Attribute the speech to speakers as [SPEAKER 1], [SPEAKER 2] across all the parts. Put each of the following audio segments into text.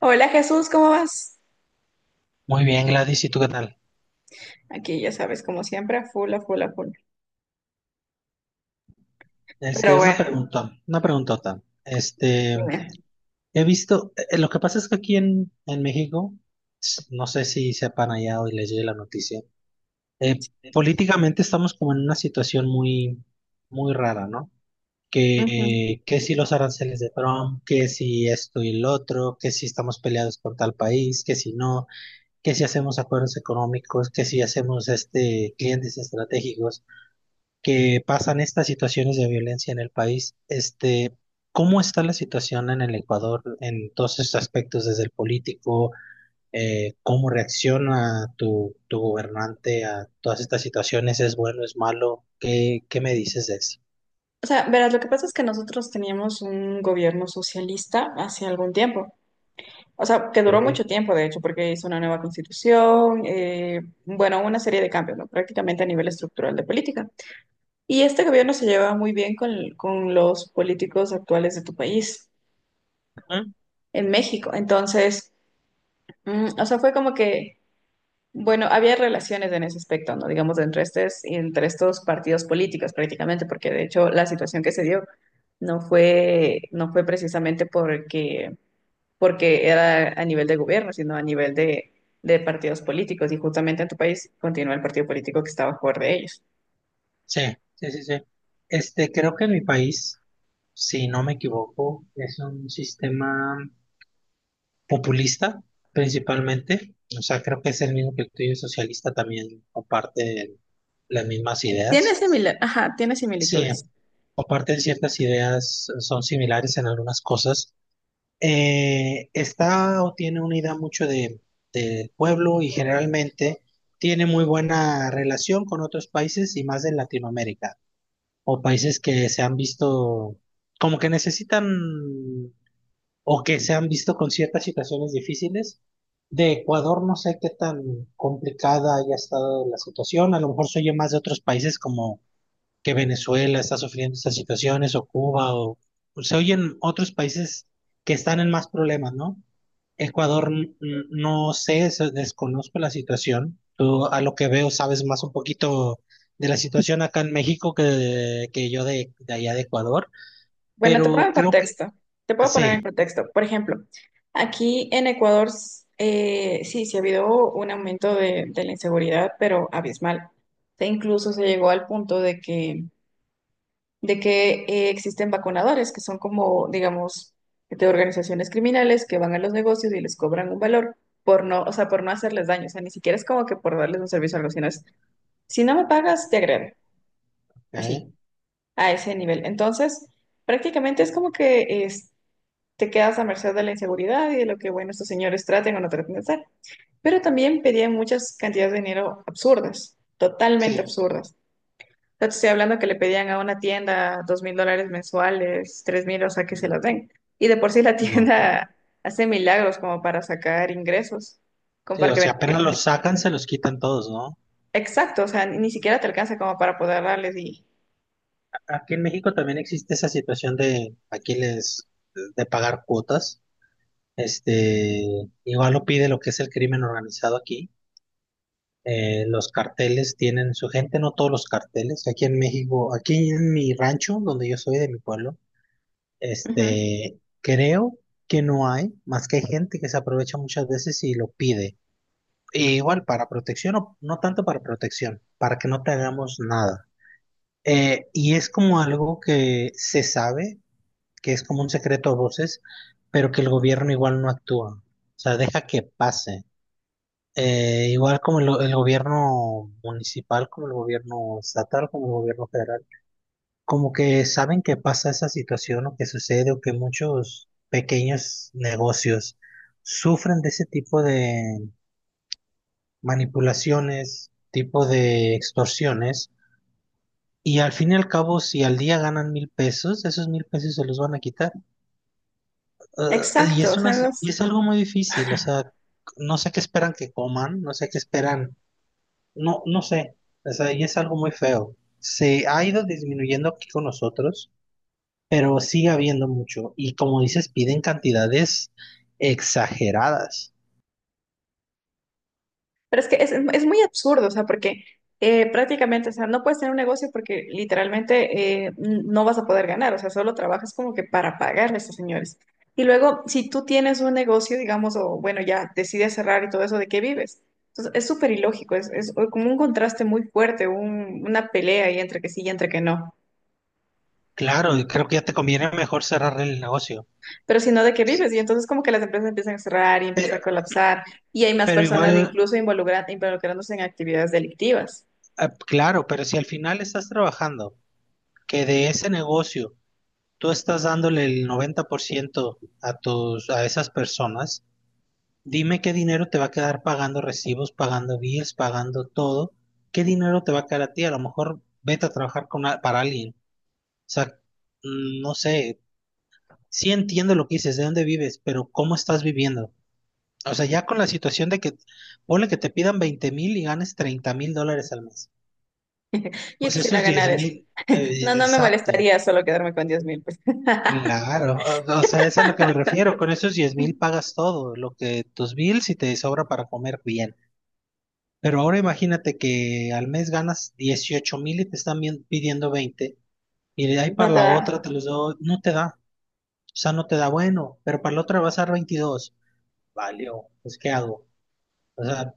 [SPEAKER 1] Hola, Jesús, ¿cómo vas?
[SPEAKER 2] Muy bien, Gladys, ¿y tú qué tal?
[SPEAKER 1] Aquí ya sabes, como siempre, a full, a full, a full. Pero
[SPEAKER 2] Una
[SPEAKER 1] bueno,
[SPEAKER 2] pregunta, una preguntota.
[SPEAKER 1] dime.
[SPEAKER 2] He visto, lo que pasa es que aquí en México, no sé si sepan allá hoy les llegue la noticia. eh, Políticamente estamos como en una situación muy, muy rara, ¿no?
[SPEAKER 1] Ujú.
[SPEAKER 2] Que si los aranceles de Trump, que si esto y el otro, que si estamos peleados con tal país, que si no, que si hacemos acuerdos económicos, que si hacemos clientes estratégicos, que pasan estas situaciones de violencia en el país. ¿Cómo está la situación en el Ecuador en todos estos aspectos, desde el político? ¿Cómo reacciona tu gobernante a todas estas situaciones? ¿Es bueno, es malo? ¿Qué, qué me dices de eso?
[SPEAKER 1] O sea, verás, lo que pasa es que nosotros teníamos un gobierno socialista hace algún tiempo. O sea, que duró
[SPEAKER 2] Ok.
[SPEAKER 1] mucho tiempo, de hecho, porque hizo una nueva constitución, bueno, una serie de cambios, ¿no? Prácticamente a nivel estructural de política. Y este gobierno se lleva muy bien con los políticos actuales de tu país,
[SPEAKER 2] Ujú.
[SPEAKER 1] en México. Entonces, o sea, fue como que, bueno, había relaciones en ese aspecto, ¿no? Digamos, entre estos partidos políticos prácticamente, porque de hecho la situación que se dio no fue precisamente porque era a nivel de gobierno, sino a nivel de partidos políticos. Y justamente en tu país continúa el partido político que está a favor de ellos.
[SPEAKER 2] Sí, sí, sí, sí. Creo que en mi país, si no me equivoco, es un sistema populista principalmente. O sea, creo que es el mismo que el tuyo socialista también comparte las mismas ideas.
[SPEAKER 1] Ajá, tiene
[SPEAKER 2] Sí,
[SPEAKER 1] similitudes.
[SPEAKER 2] comparten ciertas ideas, son similares en algunas cosas. Está o tiene una idea mucho de pueblo y generalmente tiene muy buena relación con otros países y más de Latinoamérica o países que se han visto como que necesitan o que se han visto con ciertas situaciones difíciles. De Ecuador no sé qué tan complicada haya estado la situación, a lo mejor se oye más de otros países como que Venezuela está sufriendo estas situaciones o Cuba o pues, se oyen otros países que están en más problemas, ¿no? Ecuador no sé, desconozco la situación. Tú a lo que veo sabes más un poquito de la situación acá en México que yo de allá de Ecuador,
[SPEAKER 1] Bueno, te pongo
[SPEAKER 2] pero
[SPEAKER 1] en
[SPEAKER 2] creo que
[SPEAKER 1] contexto. Te puedo poner en
[SPEAKER 2] sí,
[SPEAKER 1] contexto. Por ejemplo, aquí en Ecuador, sí, sí ha habido un aumento de la inseguridad, pero abismal. E incluso se llegó al punto de que existen vacunadores, que son como, digamos, de organizaciones criminales que van a los negocios y les cobran un valor por no, o sea, por no hacerles daño. O sea, ni siquiera es como que por darles un servicio a los sino es, si no me pagas, te agredo. Así,
[SPEAKER 2] ¿eh?
[SPEAKER 1] a ese nivel. Entonces, prácticamente es como que... es te quedas a merced de la inseguridad y de lo que, bueno, estos señores traten o no traten de hacer. Pero también pedían muchas cantidades de dinero absurdas, totalmente
[SPEAKER 2] Sí.
[SPEAKER 1] absurdas. O sea, te estoy hablando que le pedían a una tienda $2,000 mensuales, 3,000, o sea, que se los den. Y de por sí la
[SPEAKER 2] No.
[SPEAKER 1] tienda hace milagros como para sacar ingresos, como
[SPEAKER 2] Sí,
[SPEAKER 1] para
[SPEAKER 2] o
[SPEAKER 1] que vengan.
[SPEAKER 2] sea, apenas los sacan, se los quitan todos, ¿no?
[SPEAKER 1] Exacto, o sea, ni siquiera te alcanza como para poder darles
[SPEAKER 2] Aquí en México también existe esa situación de aquí les de pagar cuotas. Igual lo pide lo que es el crimen organizado aquí. Los carteles tienen su gente, no todos los carteles. Aquí en México, aquí en mi rancho, donde yo soy de mi pueblo,
[SPEAKER 1] Ujú.
[SPEAKER 2] creo que no hay, más que hay gente que se aprovecha muchas veces y lo pide. E igual para protección, o no tanto para protección, para que no te hagamos nada. Y es como algo que se sabe, que es como un secreto a voces, pero que el gobierno igual no actúa. O sea, deja que pase. Igual como el gobierno municipal, como el gobierno estatal, como el gobierno federal, como que saben que pasa esa situación o que sucede o que muchos pequeños negocios sufren de ese tipo de manipulaciones, tipo de extorsiones. Y al fin y al cabo, si al día ganan 1,000 pesos, esos 1,000 pesos se los van a quitar. Eh, y
[SPEAKER 1] Exacto,
[SPEAKER 2] es
[SPEAKER 1] o
[SPEAKER 2] una,
[SPEAKER 1] sea, no.
[SPEAKER 2] y es algo muy difícil, o sea, no sé qué esperan que coman, no sé qué esperan, no, no sé, o sea, y es algo muy feo. Se ha ido disminuyendo aquí con nosotros, pero sigue habiendo mucho. Y como dices, piden cantidades exageradas.
[SPEAKER 1] Pero es que es muy absurdo, o sea, porque prácticamente, o sea, no puedes tener un negocio porque literalmente no vas a poder ganar, o sea, solo trabajas como que para pagarle a estos señores. Y luego, si tú tienes un negocio, digamos, o bueno, ya decides cerrar y todo eso, ¿de qué vives? Entonces, es súper ilógico, es como un contraste muy fuerte, una pelea ahí entre que sí y entre que no.
[SPEAKER 2] Claro, y creo que ya te conviene mejor cerrar el negocio.
[SPEAKER 1] Pero si no, ¿de qué vives? Y entonces como que las empresas empiezan a cerrar y empieza a colapsar y hay más
[SPEAKER 2] Pero
[SPEAKER 1] personas
[SPEAKER 2] igual,
[SPEAKER 1] incluso involucrándose en actividades delictivas.
[SPEAKER 2] claro, pero si al final estás trabajando, que de ese negocio tú estás dándole el 90% a tus, a esas personas, dime qué dinero te va a quedar pagando recibos, pagando bills, pagando todo. ¿Qué dinero te va a quedar a ti? A lo mejor vete a trabajar con, para alguien. O sea, no sé, sí entiendo lo que dices, de dónde vives, pero ¿cómo estás viviendo? O sea, ya con la situación de que, ponle que te pidan 20,000 y ganes $30,000 al mes.
[SPEAKER 1] Yo
[SPEAKER 2] Pues
[SPEAKER 1] quisiera
[SPEAKER 2] esos diez
[SPEAKER 1] ganar eso.
[SPEAKER 2] mil,
[SPEAKER 1] No, no me
[SPEAKER 2] exacto.
[SPEAKER 1] molestaría solo quedarme con 10,000. Pues.
[SPEAKER 2] Claro, o sea, es a lo que me refiero. Con esos 10,000 pagas todo, lo que tus bills y te sobra para comer bien. Pero ahora imagínate que al mes ganas 18,000 y te están pidiendo 20. Y de ahí
[SPEAKER 1] No
[SPEAKER 2] para
[SPEAKER 1] te
[SPEAKER 2] la otra
[SPEAKER 1] da.
[SPEAKER 2] te los doy, no te da. O sea, no te da bueno, pero para la otra vas a dar 22. Valió, pues ¿qué hago? O sea,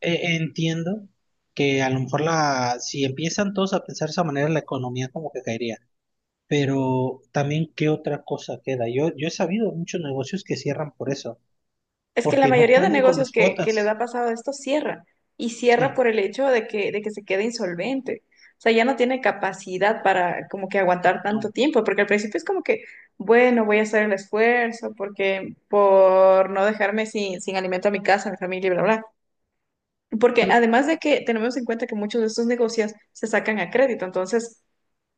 [SPEAKER 2] entiendo que a lo mejor la, si empiezan todos a pensar de esa manera, la economía como que caería. Pero también, ¿qué otra cosa queda? Yo he sabido muchos negocios que cierran por eso,
[SPEAKER 1] Es que la
[SPEAKER 2] porque no
[SPEAKER 1] mayoría de
[SPEAKER 2] pueden con
[SPEAKER 1] negocios
[SPEAKER 2] las
[SPEAKER 1] que les ha
[SPEAKER 2] cuotas.
[SPEAKER 1] pasado esto cierra. Y cierra
[SPEAKER 2] Sí,
[SPEAKER 1] por el hecho de que se quede insolvente. O sea, ya no tiene capacidad para como que aguantar tanto
[SPEAKER 2] no.
[SPEAKER 1] tiempo, porque al principio es como que, bueno, voy a hacer el esfuerzo porque por no dejarme sin alimento a mi casa, a mi familia, y bla, bla. Porque
[SPEAKER 2] Tr-
[SPEAKER 1] además de que tenemos en cuenta que muchos de estos negocios se sacan a crédito, entonces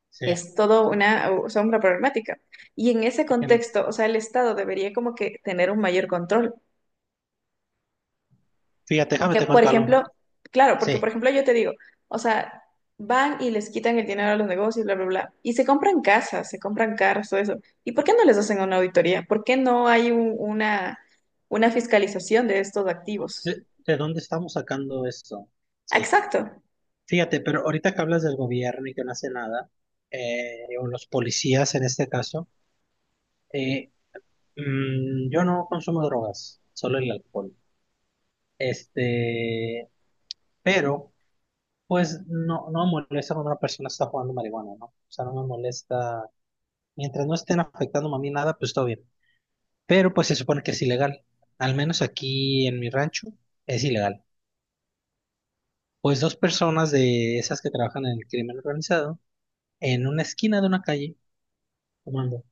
[SPEAKER 2] Sí. Es
[SPEAKER 1] es todo una, o sea, una problemática. Y en ese
[SPEAKER 2] no.
[SPEAKER 1] contexto, o sea, el Estado debería como que tener un mayor control.
[SPEAKER 2] Fíjate, déjame
[SPEAKER 1] Que,
[SPEAKER 2] te
[SPEAKER 1] por
[SPEAKER 2] cuento algo.
[SPEAKER 1] ejemplo, claro, porque, por
[SPEAKER 2] Sí.
[SPEAKER 1] ejemplo, yo te digo, o sea, van y les quitan el dinero a los negocios, bla, bla, bla, y se compran casas, se compran carros, todo eso. ¿Y por qué no les hacen una auditoría? ¿Por qué no hay una fiscalización de estos activos?
[SPEAKER 2] ¿De dónde estamos sacando esto? Sí.
[SPEAKER 1] Exacto.
[SPEAKER 2] Fíjate, pero ahorita que hablas del gobierno y que no hace nada, o los policías en este caso. eh, yo no consumo drogas, solo el alcohol. Este, pero pues no, no me molesta cuando una persona está jugando marihuana, ¿no? O sea, no me molesta. Mientras no estén afectando a mí nada, pues todo bien. Pero pues se supone que es ilegal. Al menos aquí en mi rancho es ilegal. Pues dos personas de esas que trabajan en el crimen organizado, en una esquina de una calle, fumando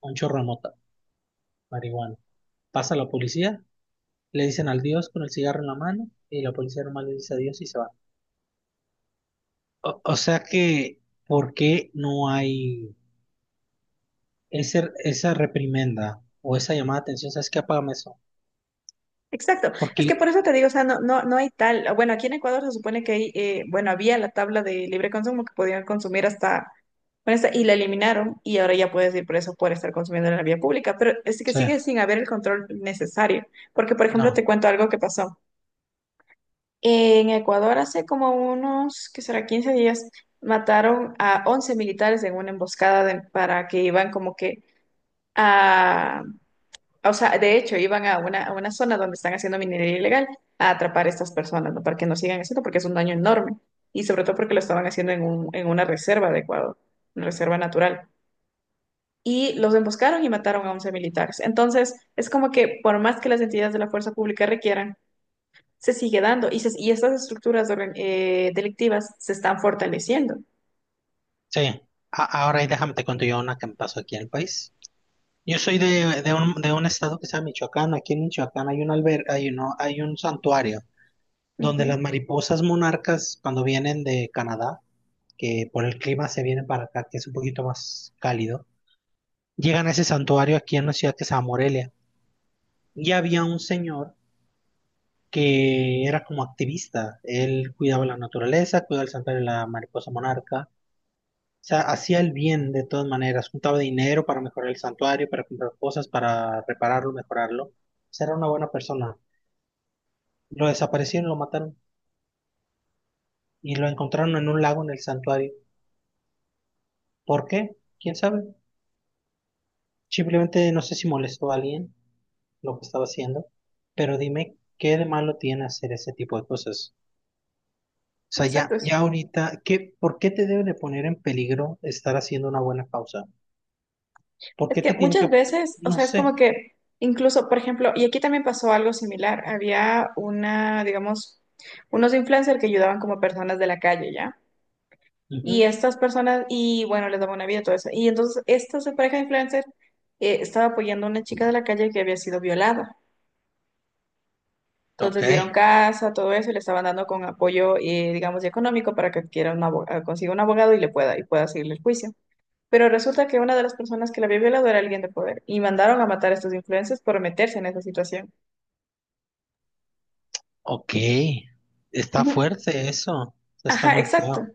[SPEAKER 2] un chorro de mota, marihuana. Pasa la policía, le dicen al Dios con el cigarro en la mano y la policía normal le dice adiós y se va. O sea que, ¿por qué no hay ese, esa reprimenda o esa llamada de atención? ¿Sabes qué? Apágame eso.
[SPEAKER 1] Exacto,
[SPEAKER 2] Porque,
[SPEAKER 1] es que por eso te digo, o sea, no, no, no hay tal, bueno, aquí en Ecuador se supone que hay, bueno, había la tabla de libre consumo que podían consumir hasta, bueno, y la eliminaron y ahora ya puedes ir preso por estar consumiendo en la vía pública, pero es que
[SPEAKER 2] sí,
[SPEAKER 1] sigue sin haber el control necesario, porque por ejemplo te
[SPEAKER 2] no,
[SPEAKER 1] cuento algo que pasó. En Ecuador hace como unos, ¿qué será? 15 días, mataron a 11 militares en una emboscada para que iban como que a, o sea, de hecho, iban a una zona donde están haciendo minería ilegal a atrapar a estas personas, ¿no? Para que no sigan haciendo, porque es un daño enorme. Y sobre todo porque lo estaban haciendo en en una reserva de Ecuador, una reserva natural. Y los emboscaron y mataron a 11 militares. Entonces, es como que por más que las entidades de la fuerza pública requieran, se sigue dando. Y, y estas estructuras de delictivas se están fortaleciendo.
[SPEAKER 2] sí. Ahora y déjame te cuento yo una que me pasó aquí en el país. Yo soy de un estado que se llama Michoacán. Aquí en Michoacán hay un alber, hay, uno, hay un santuario donde
[SPEAKER 1] Ujú.
[SPEAKER 2] las mariposas monarcas, cuando vienen de Canadá, que por el clima se vienen para acá, que es un poquito más cálido, llegan a ese santuario aquí en una ciudad que se llama Morelia. Y había un señor que era como activista. Él cuidaba la naturaleza, cuidaba el santuario de la mariposa monarca. O sea, hacía el bien de todas maneras. Juntaba dinero para mejorar el santuario, para comprar cosas, para repararlo, mejorarlo. O sea, era una buena persona. Lo desaparecieron, lo mataron y lo encontraron en un lago en el santuario. ¿Por qué? ¿Quién sabe? Simplemente no sé si molestó a alguien lo que estaba haciendo. Pero dime, ¿qué de malo tiene hacer ese tipo de cosas? Sea,
[SPEAKER 1] Exacto.
[SPEAKER 2] ya, ya ahorita, ¿qué, por qué te debe de poner en peligro estar haciendo una buena causa? ¿Por
[SPEAKER 1] Es
[SPEAKER 2] qué
[SPEAKER 1] que
[SPEAKER 2] te tiene
[SPEAKER 1] muchas
[SPEAKER 2] que,
[SPEAKER 1] veces, o
[SPEAKER 2] no
[SPEAKER 1] sea, es como
[SPEAKER 2] sé?
[SPEAKER 1] que incluso, por ejemplo, y aquí también pasó algo similar, había una, digamos, unos influencers que ayudaban como personas de la calle, ¿ya? Y
[SPEAKER 2] Ujú.
[SPEAKER 1] estas personas, y bueno, les daban una vida, todo eso. Y entonces, esta pareja de influencers estaba apoyando a una chica de la calle que había sido violada. Entonces,
[SPEAKER 2] Ok,
[SPEAKER 1] les dieron casa, todo eso, y le estaban dando con apoyo, digamos, y económico para que adquiera consiga un abogado y le pueda, y pueda seguirle el juicio. Pero resulta que una de las personas que la había violado era alguien de poder y mandaron a matar a estos influencers por meterse en esa situación.
[SPEAKER 2] ok. Está
[SPEAKER 1] Ujú.
[SPEAKER 2] fuerte eso. Está
[SPEAKER 1] Ajá,
[SPEAKER 2] muy
[SPEAKER 1] exacto.
[SPEAKER 2] feo.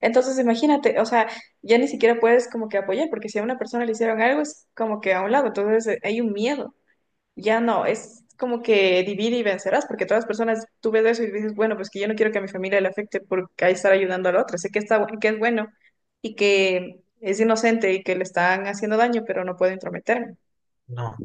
[SPEAKER 1] Entonces imagínate, o sea, ya ni siquiera puedes como que apoyar, porque si a una persona le hicieron algo es como que a un lado, entonces hay un miedo. Ya no, es como que divide y vencerás, porque todas las personas, tú ves eso y dices, bueno, pues que yo no quiero que a mi familia le afecte por ahí estar ayudando a la otra. Sé que está, que es bueno y que es inocente y que le están haciendo daño, pero no puedo intrometerme.
[SPEAKER 2] No.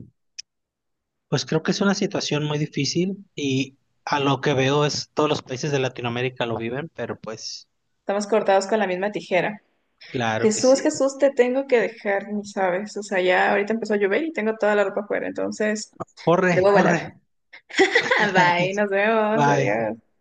[SPEAKER 2] Pues creo que es una situación muy difícil y a lo que veo es todos los países de Latinoamérica lo viven, pero pues
[SPEAKER 1] Estamos cortados con la misma tijera.
[SPEAKER 2] claro que
[SPEAKER 1] Jesús,
[SPEAKER 2] sí.
[SPEAKER 1] Jesús, te tengo que dejar, ni sabes. O sea, ya ahorita empezó a llover y tengo toda la ropa afuera, entonces
[SPEAKER 2] Corre,
[SPEAKER 1] debo
[SPEAKER 2] corre.
[SPEAKER 1] volar. Bye, nos vemos,
[SPEAKER 2] Bye.
[SPEAKER 1] adiós.